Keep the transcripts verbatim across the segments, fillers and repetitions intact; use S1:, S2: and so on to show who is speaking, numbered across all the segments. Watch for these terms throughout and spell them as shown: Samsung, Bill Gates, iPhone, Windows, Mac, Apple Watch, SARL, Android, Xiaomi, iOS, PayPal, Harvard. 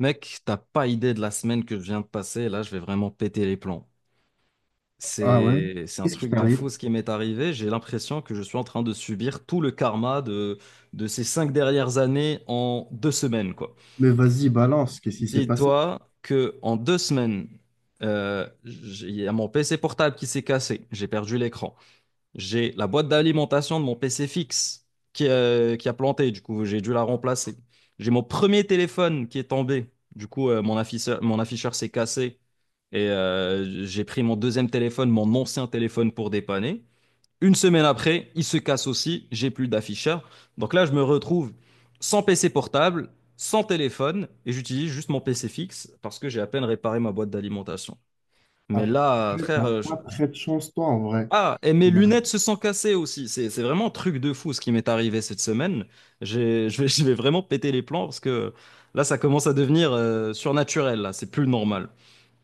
S1: Mec, t'as pas idée de la semaine que je viens de passer. Là, je vais vraiment péter les plombs.
S2: Ah ouais?
S1: C'est, c'est un
S2: Qu'est-ce qui
S1: truc de
S2: t'arrive?
S1: fou ce qui m'est arrivé. J'ai l'impression que je suis en train de subir tout le karma de, de ces cinq dernières années en deux semaines, quoi.
S2: Mais vas-y, balance, qu'est-ce qui s'est passé?
S1: Dis-toi que en deux semaines, euh, j'ai- il y a mon P C portable qui s'est cassé. J'ai perdu l'écran. J'ai la boîte d'alimentation de mon P C fixe qui, euh, qui a planté, du coup, j'ai dû la remplacer. J'ai mon premier téléphone qui est tombé, du coup, euh, mon afficheur, mon afficheur s'est cassé et euh, j'ai pris mon deuxième téléphone, mon ancien téléphone pour dépanner. Une semaine après, il se casse aussi, j'ai plus d'afficheur. Donc là, je me retrouve sans P C portable, sans téléphone et j'utilise juste mon P C fixe parce que j'ai à peine réparé ma boîte d'alimentation. Mais là,
S2: Après,
S1: frère,
S2: t'as
S1: euh, je-
S2: pas très de chance, toi, en vrai.
S1: ah, et mes
S2: Bah,
S1: lunettes se sont cassées aussi. C'est, c'est vraiment un truc de fou ce qui m'est arrivé cette semaine. J'ai- je vais, je vais vraiment péter les plombs parce que là, ça commence à devenir euh, surnaturel, là. C'est plus normal.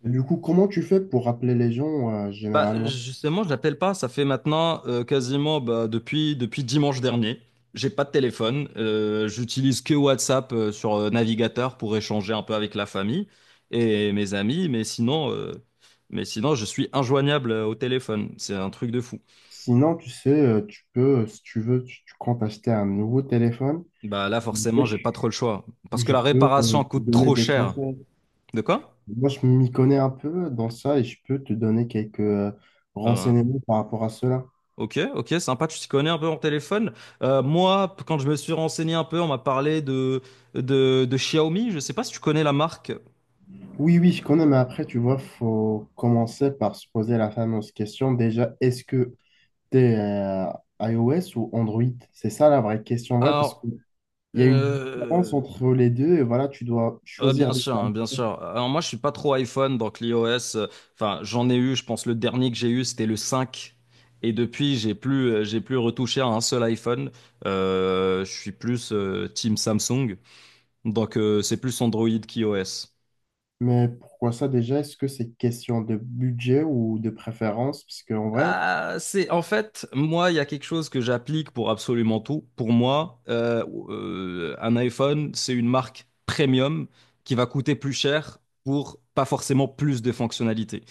S2: du coup, comment tu fais pour rappeler les gens, euh,
S1: Bah,
S2: généralement?
S1: justement, je l'appelle pas. Ça fait maintenant euh, quasiment bah, depuis, depuis dimanche dernier. J'ai pas de téléphone. Euh, j'utilise que WhatsApp euh, sur euh, navigateur pour échanger un peu avec la famille et mes amis. Mais sinon, euh, mais sinon, je suis injoignable euh, au téléphone. C'est un truc de fou.
S2: Sinon, tu sais, euh, tu peux, euh, si tu veux, tu, tu comptes acheter un nouveau téléphone.
S1: Bah là, forcément,
S2: Et
S1: j'ai
S2: Je,
S1: pas trop le choix. Parce que
S2: je
S1: la
S2: peux
S1: réparation
S2: euh, te
S1: coûte
S2: donner
S1: trop
S2: des
S1: cher.
S2: conseils.
S1: De quoi?
S2: Moi, je m'y connais un peu dans ça et je peux te donner quelques euh,
S1: Euh,
S2: renseignements par rapport à cela.
S1: ok, ok, sympa, tu t'y connais un peu en téléphone. Euh, moi, p- quand je me suis renseigné un peu, on m'a parlé de, de, de Xiaomi. Je sais pas si tu connais la marque.
S2: Oui, oui, je connais, mais après, tu vois, faut commencer par se poser la fameuse question déjà, est-ce que T'es euh, iOS ou Android? C'est ça la vraie question, en vrai, parce
S1: Alors,
S2: qu'il y a une différence
S1: euh,
S2: entre les deux et voilà, tu dois
S1: euh, bien
S2: choisir des
S1: sûr, hein,
S2: termes.
S1: bien sûr. Alors moi, je suis pas trop iPhone, donc l'iOS, euh, enfin, j'en ai eu, je pense le dernier que j'ai eu, c'était le cinq. Et depuis, j'ai plus, euh, j'ai plus retouché à un seul iPhone. Euh, je suis plus euh, Team Samsung. Donc, euh, c'est plus Android qu'iOS.
S2: Mais pourquoi ça déjà? Est-ce que c'est question de budget ou de préférence? Parce qu'en vrai.
S1: Ah, c'est en fait, moi, il y a quelque chose que j'applique pour absolument tout. Pour moi, euh, euh, un iPhone, c'est une marque premium qui va coûter plus cher pour pas forcément plus de fonctionnalités.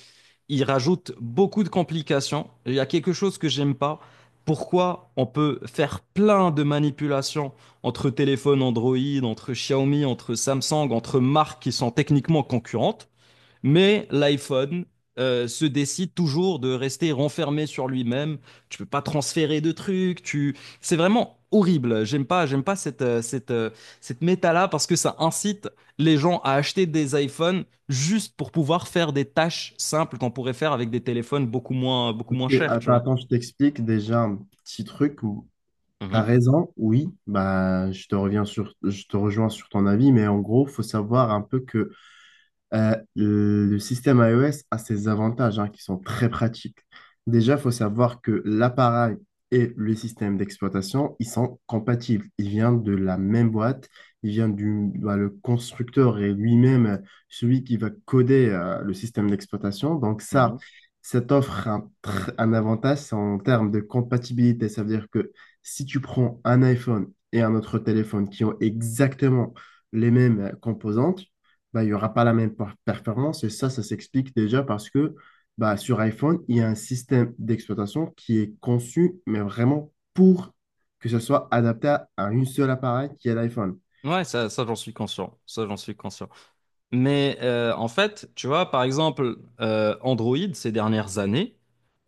S1: Il rajoute beaucoup de complications. Il y a quelque chose que j'aime pas. Pourquoi on peut faire plein de manipulations entre téléphones Android, entre Xiaomi, entre Samsung, entre marques qui sont techniquement concurrentes? Mais l'iPhone euh, se décide toujours de rester renfermé sur lui-même. Tu peux pas transférer de trucs. Tu... C'est vraiment horrible. J'aime pas, j'aime pas cette, euh, cette, euh, cette méta-là parce que ça incite les gens à acheter des iPhones juste pour pouvoir faire des tâches simples qu'on pourrait faire avec des téléphones beaucoup moins, beaucoup
S2: Ok,
S1: moins chers, tu
S2: attends,
S1: vois.
S2: attends, je t'explique déjà un petit truc où t'as
S1: Mhm,
S2: raison, oui, bah je te reviens sur, je te rejoins sur ton avis, mais en gros, faut savoir un peu que Euh, le système iOS a ses avantages, hein, qui sont très pratiques. Déjà, il faut savoir que l'appareil et le système d'exploitation, ils sont compatibles. Ils viennent de la même boîte. Ils viennent du bah, le constructeur et lui-même, euh, celui qui va coder euh, le système d'exploitation. Donc
S1: mhm.
S2: ça, ça t'offre un, tr- un avantage, c'est en termes de compatibilité. Ça veut dire que si tu prends un iPhone et un autre téléphone qui ont exactement les mêmes euh, composantes, bah, il n'y aura pas la même per- performance. Et ça, ça s'explique déjà parce que bah, sur iPhone, il y a un système d'exploitation qui est conçu, mais vraiment pour que ce soit adapté à, à une seule appareil qui est l'iPhone.
S1: Ouais, ça, ça j'en suis conscient. Ça, j'en suis conscient. Mais euh, en fait, tu vois, par exemple, euh, Android, ces dernières années,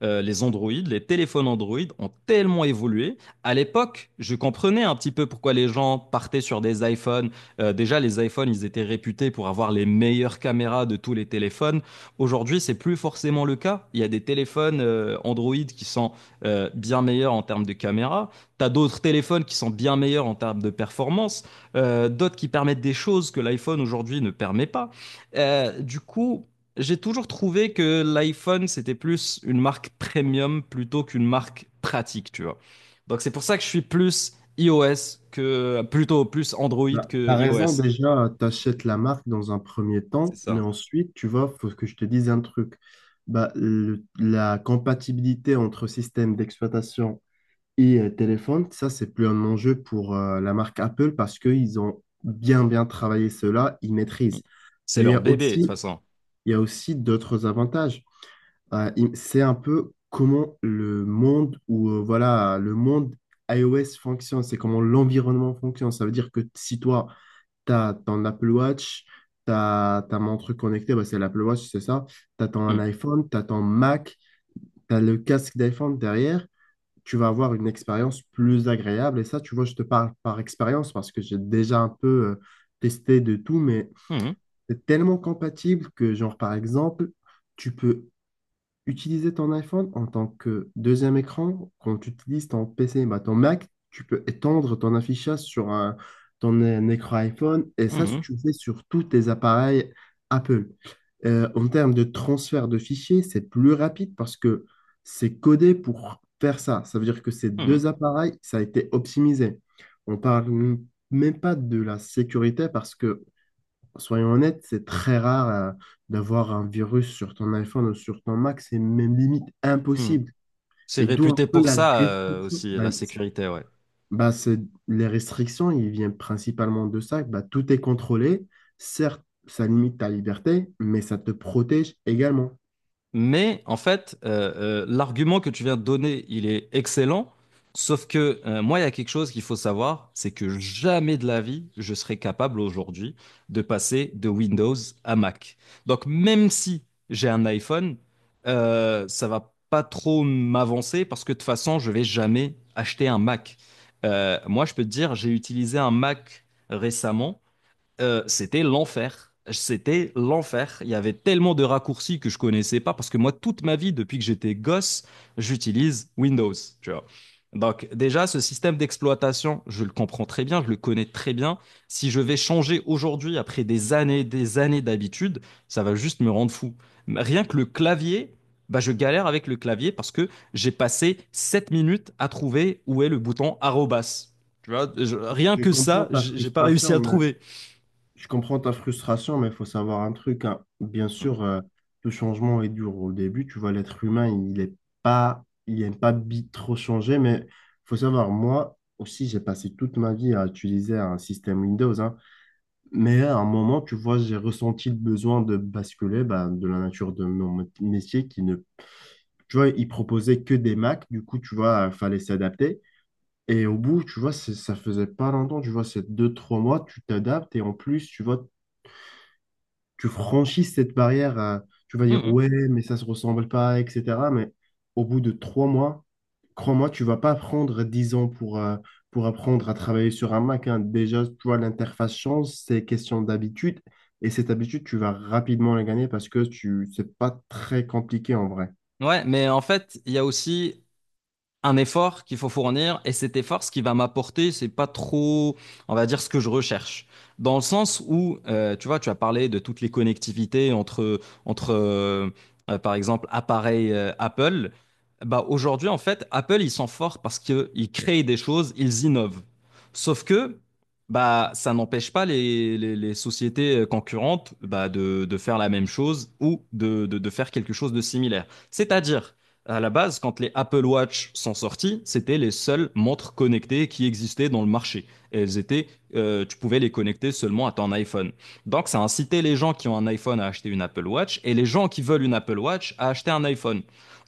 S1: euh, les Android, les téléphones Android ont tellement évolué. À l'époque, je comprenais un petit peu pourquoi les gens partaient sur des iPhones. Euh, déjà, les iPhones, ils étaient réputés pour avoir les meilleures caméras de tous les téléphones. Aujourd'hui, c'est plus forcément le cas. Il y a des téléphones euh, Android qui sont euh, bien meilleurs en termes de caméra. T'as d'autres téléphones qui sont bien meilleurs en termes de performance euh, d'autres qui permettent des choses que l'iPhone aujourd'hui ne permet pas. Euh, du coup, j'ai toujours trouvé que l'iPhone, c'était plus une marque premium plutôt qu'une marque pratique, tu vois. Donc c'est pour ça que je suis plus iOS que, plutôt plus Android
S2: Voilà.
S1: que
S2: T'as raison,
S1: iOS.
S2: déjà, tu achètes la marque dans un premier
S1: C'est
S2: temps, mais
S1: ça.
S2: ensuite, tu vois, faut que je te dise un truc. Bah, le- la compatibilité entre système d'exploitation Et euh, téléphone, ça, c'est plus un enjeu pour euh, la marque Apple parce qu'ils ont bien, bien travaillé cela, ils
S1: Mm.
S2: maîtrisent.
S1: C'est
S2: Mais il y
S1: leur
S2: a
S1: bébé, de toute
S2: aussi,
S1: façon.
S2: il y a aussi d'autres avantages. Euh, il- c'est un peu comment le monde ou euh, voilà, le monde iOS fonctionne, c'est comment l'environnement fonctionne. Ça veut dire que si toi, tu as ton Apple Watch, tu ta montre connectée, bah, c'est l'Apple Watch, c'est ça. Tu as ton
S1: Mm.
S2: iPhone, tu as ton Mac, tu as le casque d'iPhone derrière, tu vas avoir une expérience plus agréable. Et ça, tu vois, je te parle par expérience parce que j'ai déjà un peu euh, testé de tout, mais
S1: Mhm.
S2: c'est tellement compatible que, genre, par exemple, tu peux utiliser ton iPhone en tant que deuxième écran quand tu utilises ton P C. Bah, ton Mac, tu peux étendre ton affichage sur un, ton euh, écran iPhone et ça, si
S1: Mhm.
S2: tu le fais sur tous tes appareils Apple. Euh, en termes de transfert de fichiers, c'est plus rapide parce que c'est codé pour faire ça. Ça veut dire que ces
S1: Mhm.
S2: deux appareils, ça a été optimisé. On parle même pas de la sécurité. Parce qu'on Soyons honnêtes, c'est très rare euh, d'avoir un virus sur ton iPhone ou sur ton Mac, c'est même limite
S1: Mhm.
S2: impossible.
S1: C'est
S2: Et d'où un
S1: réputé
S2: peu
S1: pour
S2: la
S1: ça, euh,
S2: restriction.
S1: aussi,
S2: Bah,
S1: la
S2: c'est-
S1: sécurité, ouais.
S2: bah, c'est- les restrictions, ils viennent principalement de ça. Bah, tout est contrôlé. Certes, ça limite ta liberté, mais ça te protège également.
S1: Mais en fait, euh, euh, l'argument que tu viens de donner, il est excellent. Sauf que euh, moi, il y a quelque chose qu'il faut savoir, c'est que jamais de la vie, je serai capable aujourd'hui de passer de Windows à Mac. Donc même si j'ai un iPhone, euh, ça va pas trop m'avancer parce que de toute façon, je vais jamais acheter un Mac. Euh, moi, je peux te dire, j'ai utilisé un Mac récemment. Euh, c'était l'enfer. C'était l'enfer. Il y avait tellement de raccourcis que je connaissais pas parce que moi, toute ma vie, depuis que j'étais gosse, j'utilise Windows, tu vois. Donc, déjà, ce système d'exploitation, je le comprends très bien, je le connais très bien. Si je vais changer aujourd'hui, après des années, des années d'habitude, ça va juste me rendre fou. Rien que le clavier, bah, je galère avec le clavier parce que j'ai passé sept minutes à trouver où est le bouton arrobas. Tu vois, je- rien
S2: Je
S1: que
S2: comprends
S1: ça,
S2: ta
S1: j- j'ai pas réussi à le
S2: frustration, euh,
S1: trouver.
S2: Je comprends ta frustration, mais il faut savoir un truc, hein. Bien sûr, euh, tout changement est dur au début. Tu vois, l'être humain, il est pas, il aime pas bi- trop changer, mais faut savoir, moi aussi, j'ai passé toute ma vie à utiliser un système Windows, hein. Mais à un moment, tu vois, j'ai ressenti le besoin de basculer bah, de la nature de mon mé- métier qui ne, tu vois, il proposait que des Mac. Du coup, tu vois, il fallait s'adapter. Et au bout, tu vois, c'est- ça faisait pas longtemps, tu vois, c'est deux, trois mois, tu t'adaptes et en plus, tu vois, tu franchis cette barrière, euh, tu vas dire
S1: Mhm.
S2: ouais, mais ça se ressemble pas, et cetera. Mais au bout de trois mois, crois-moi, tu vas pas prendre dix ans pour, euh, pour apprendre à travailler sur un Mac, hein. Déjà, tu vois, l'interface change, c'est question d'habitude. Et cette habitude, tu vas rapidement la gagner parce que tu, c'est pas très compliqué en vrai.
S1: Ouais, mais en fait, il y a aussi, un effort qu'il faut fournir et cet effort, ce qui va m'apporter, c'est pas trop, on va dire, ce que je recherche. Dans le sens où, euh, tu vois, tu as parlé de toutes les connectivités entre, entre euh, euh, par exemple, appareils euh, Apple. Bah, aujourd'hui, en fait, Apple, ils sont forts parce qu'ils créent des choses, ils innovent. Sauf que, bah, ça n'empêche pas les, les- les sociétés euh, concurrentes bah, de, de faire la même chose ou de, de de faire quelque chose de similaire. C'est-à-dire, à la base, quand les Apple Watch sont sortis, c'était les seules montres connectées qui existaient dans le marché. Et elles étaient, euh, tu pouvais les connecter seulement à ton iPhone. Donc, ça incitait les gens qui ont un iPhone à acheter une Apple Watch et les gens qui veulent une Apple Watch à acheter un iPhone.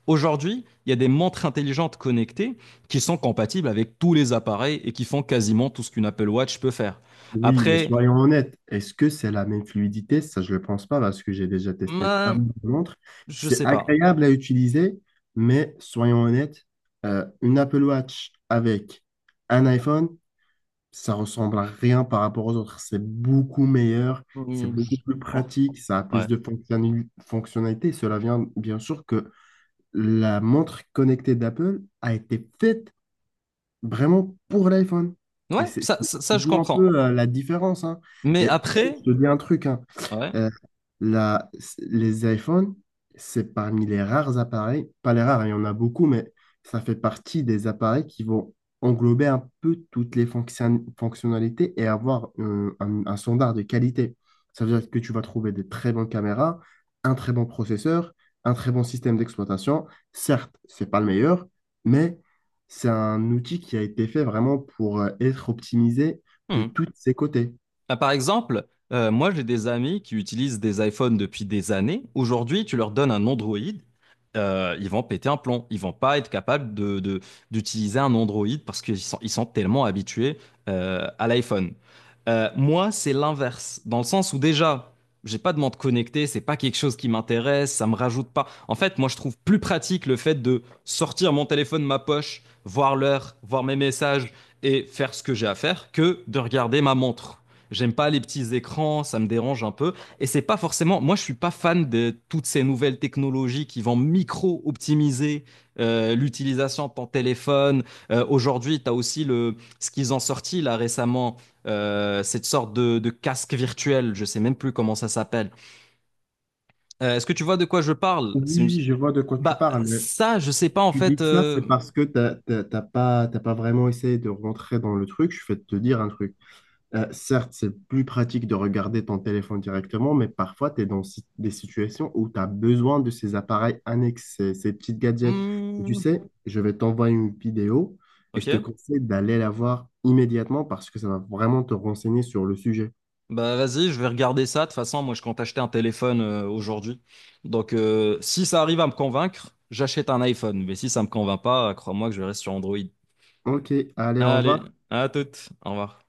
S1: Aujourd'hui, il y a des montres intelligentes connectées qui sont compatibles avec tous les appareils et qui font quasiment tout ce qu'une Apple Watch peut faire.
S2: Oui, mais
S1: Après,
S2: soyons honnêtes, est-ce que c'est la même fluidité? Ça, je ne le pense pas parce que j'ai déjà testé un
S1: ben,
S2: montre.
S1: je
S2: C'est
S1: sais pas.
S2: agréable à utiliser, mais soyons honnêtes, euh, une Apple Watch avec un iPhone, ça ressemble à rien par rapport aux autres. C'est beaucoup meilleur, c'est
S1: Hmm,
S2: beaucoup
S1: je-
S2: plus
S1: oh,
S2: pratique, ça a plus
S1: ouais,
S2: de fonctionnali- fonctionnalités. Cela vient bien sûr que la montre connectée d'Apple a été faite vraiment pour l'iPhone. Et
S1: ouais,
S2: c'est c'est-
S1: ça,
S2: c'est
S1: ça, ça, je
S2: d'où un
S1: comprends.
S2: peu euh, la différence, hein.
S1: Mais
S2: Et après,
S1: après,
S2: je te dis un truc, hein.
S1: ouais.
S2: Euh, la- les iPhones, c'est parmi les rares appareils, pas les rares, il y en a beaucoup, mais ça fait partie des appareils qui vont englober un peu toutes les fonction- fonctionnalités et avoir euh, un, un standard de qualité. Ça veut dire que tu vas trouver des très bonnes caméras, un très bon processeur, un très bon système d'exploitation. Certes, c'est pas le meilleur, mais c'est un outil qui a été fait vraiment pour euh, être optimisé de
S1: Hmm.
S2: tous ses côtés.
S1: Ah, par exemple, euh, moi j'ai des amis qui utilisent des iPhones depuis des années. Aujourd'hui, tu leur donnes un Android, euh, ils vont péter un plomb. Ils vont pas être capables de, de- d'utiliser un Android parce qu'ils sont, ils sont tellement habitués euh, à l'iPhone. Euh, moi, c'est l'inverse, dans le sens où déjà, j'ai pas de montre connectée, c'est pas quelque chose qui m'intéresse, ça me rajoute pas. En fait, moi, je trouve plus pratique le fait de sortir mon téléphone de ma poche, voir l'heure, voir mes messages et faire ce que j'ai à faire que de regarder ma montre. J'aime pas les petits écrans, ça me dérange un peu. Et c'est pas forcément. Moi, je suis pas fan de toutes ces nouvelles technologies qui vont micro-optimiser euh, l'utilisation de ton téléphone. Euh, aujourd'hui, tu as aussi le ce qu'ils ont sorti là récemment, euh, cette sorte de, de casque virtuel. Je sais même plus comment ça s'appelle. Euh, est-ce que tu vois de quoi je parle?
S2: Oui,
S1: C'est une-
S2: oui, je vois de quoi tu
S1: Bah
S2: parles, mais
S1: ça, je sais pas en
S2: tu dis
S1: fait.
S2: ça,
S1: euh,
S2: c'est parce que t'as, t'as, t'as pas, t'as pas vraiment essayé de rentrer dans le truc. Je vais te dire un truc. Euh, certes, c'est plus pratique de regarder ton téléphone directement, mais parfois, tu es dans si- des situations où tu as besoin de ces appareils annexes, ces, ces petites gadgets. Et tu
S1: hmm,
S2: sais, je vais t'envoyer une vidéo et
S1: ok.
S2: je te conseille d'aller la voir immédiatement parce que ça va vraiment te renseigner sur le sujet.
S1: Bah vas-y, je vais regarder ça. De toute façon, moi, je compte acheter un téléphone euh, aujourd'hui. Donc, euh, si ça arrive à me convaincre, j'achète un iPhone. Mais si ça me convainc pas, crois-moi que je reste sur Android.
S2: Ok, allez, au
S1: Allez,
S2: revoir.
S1: à toute. Au revoir.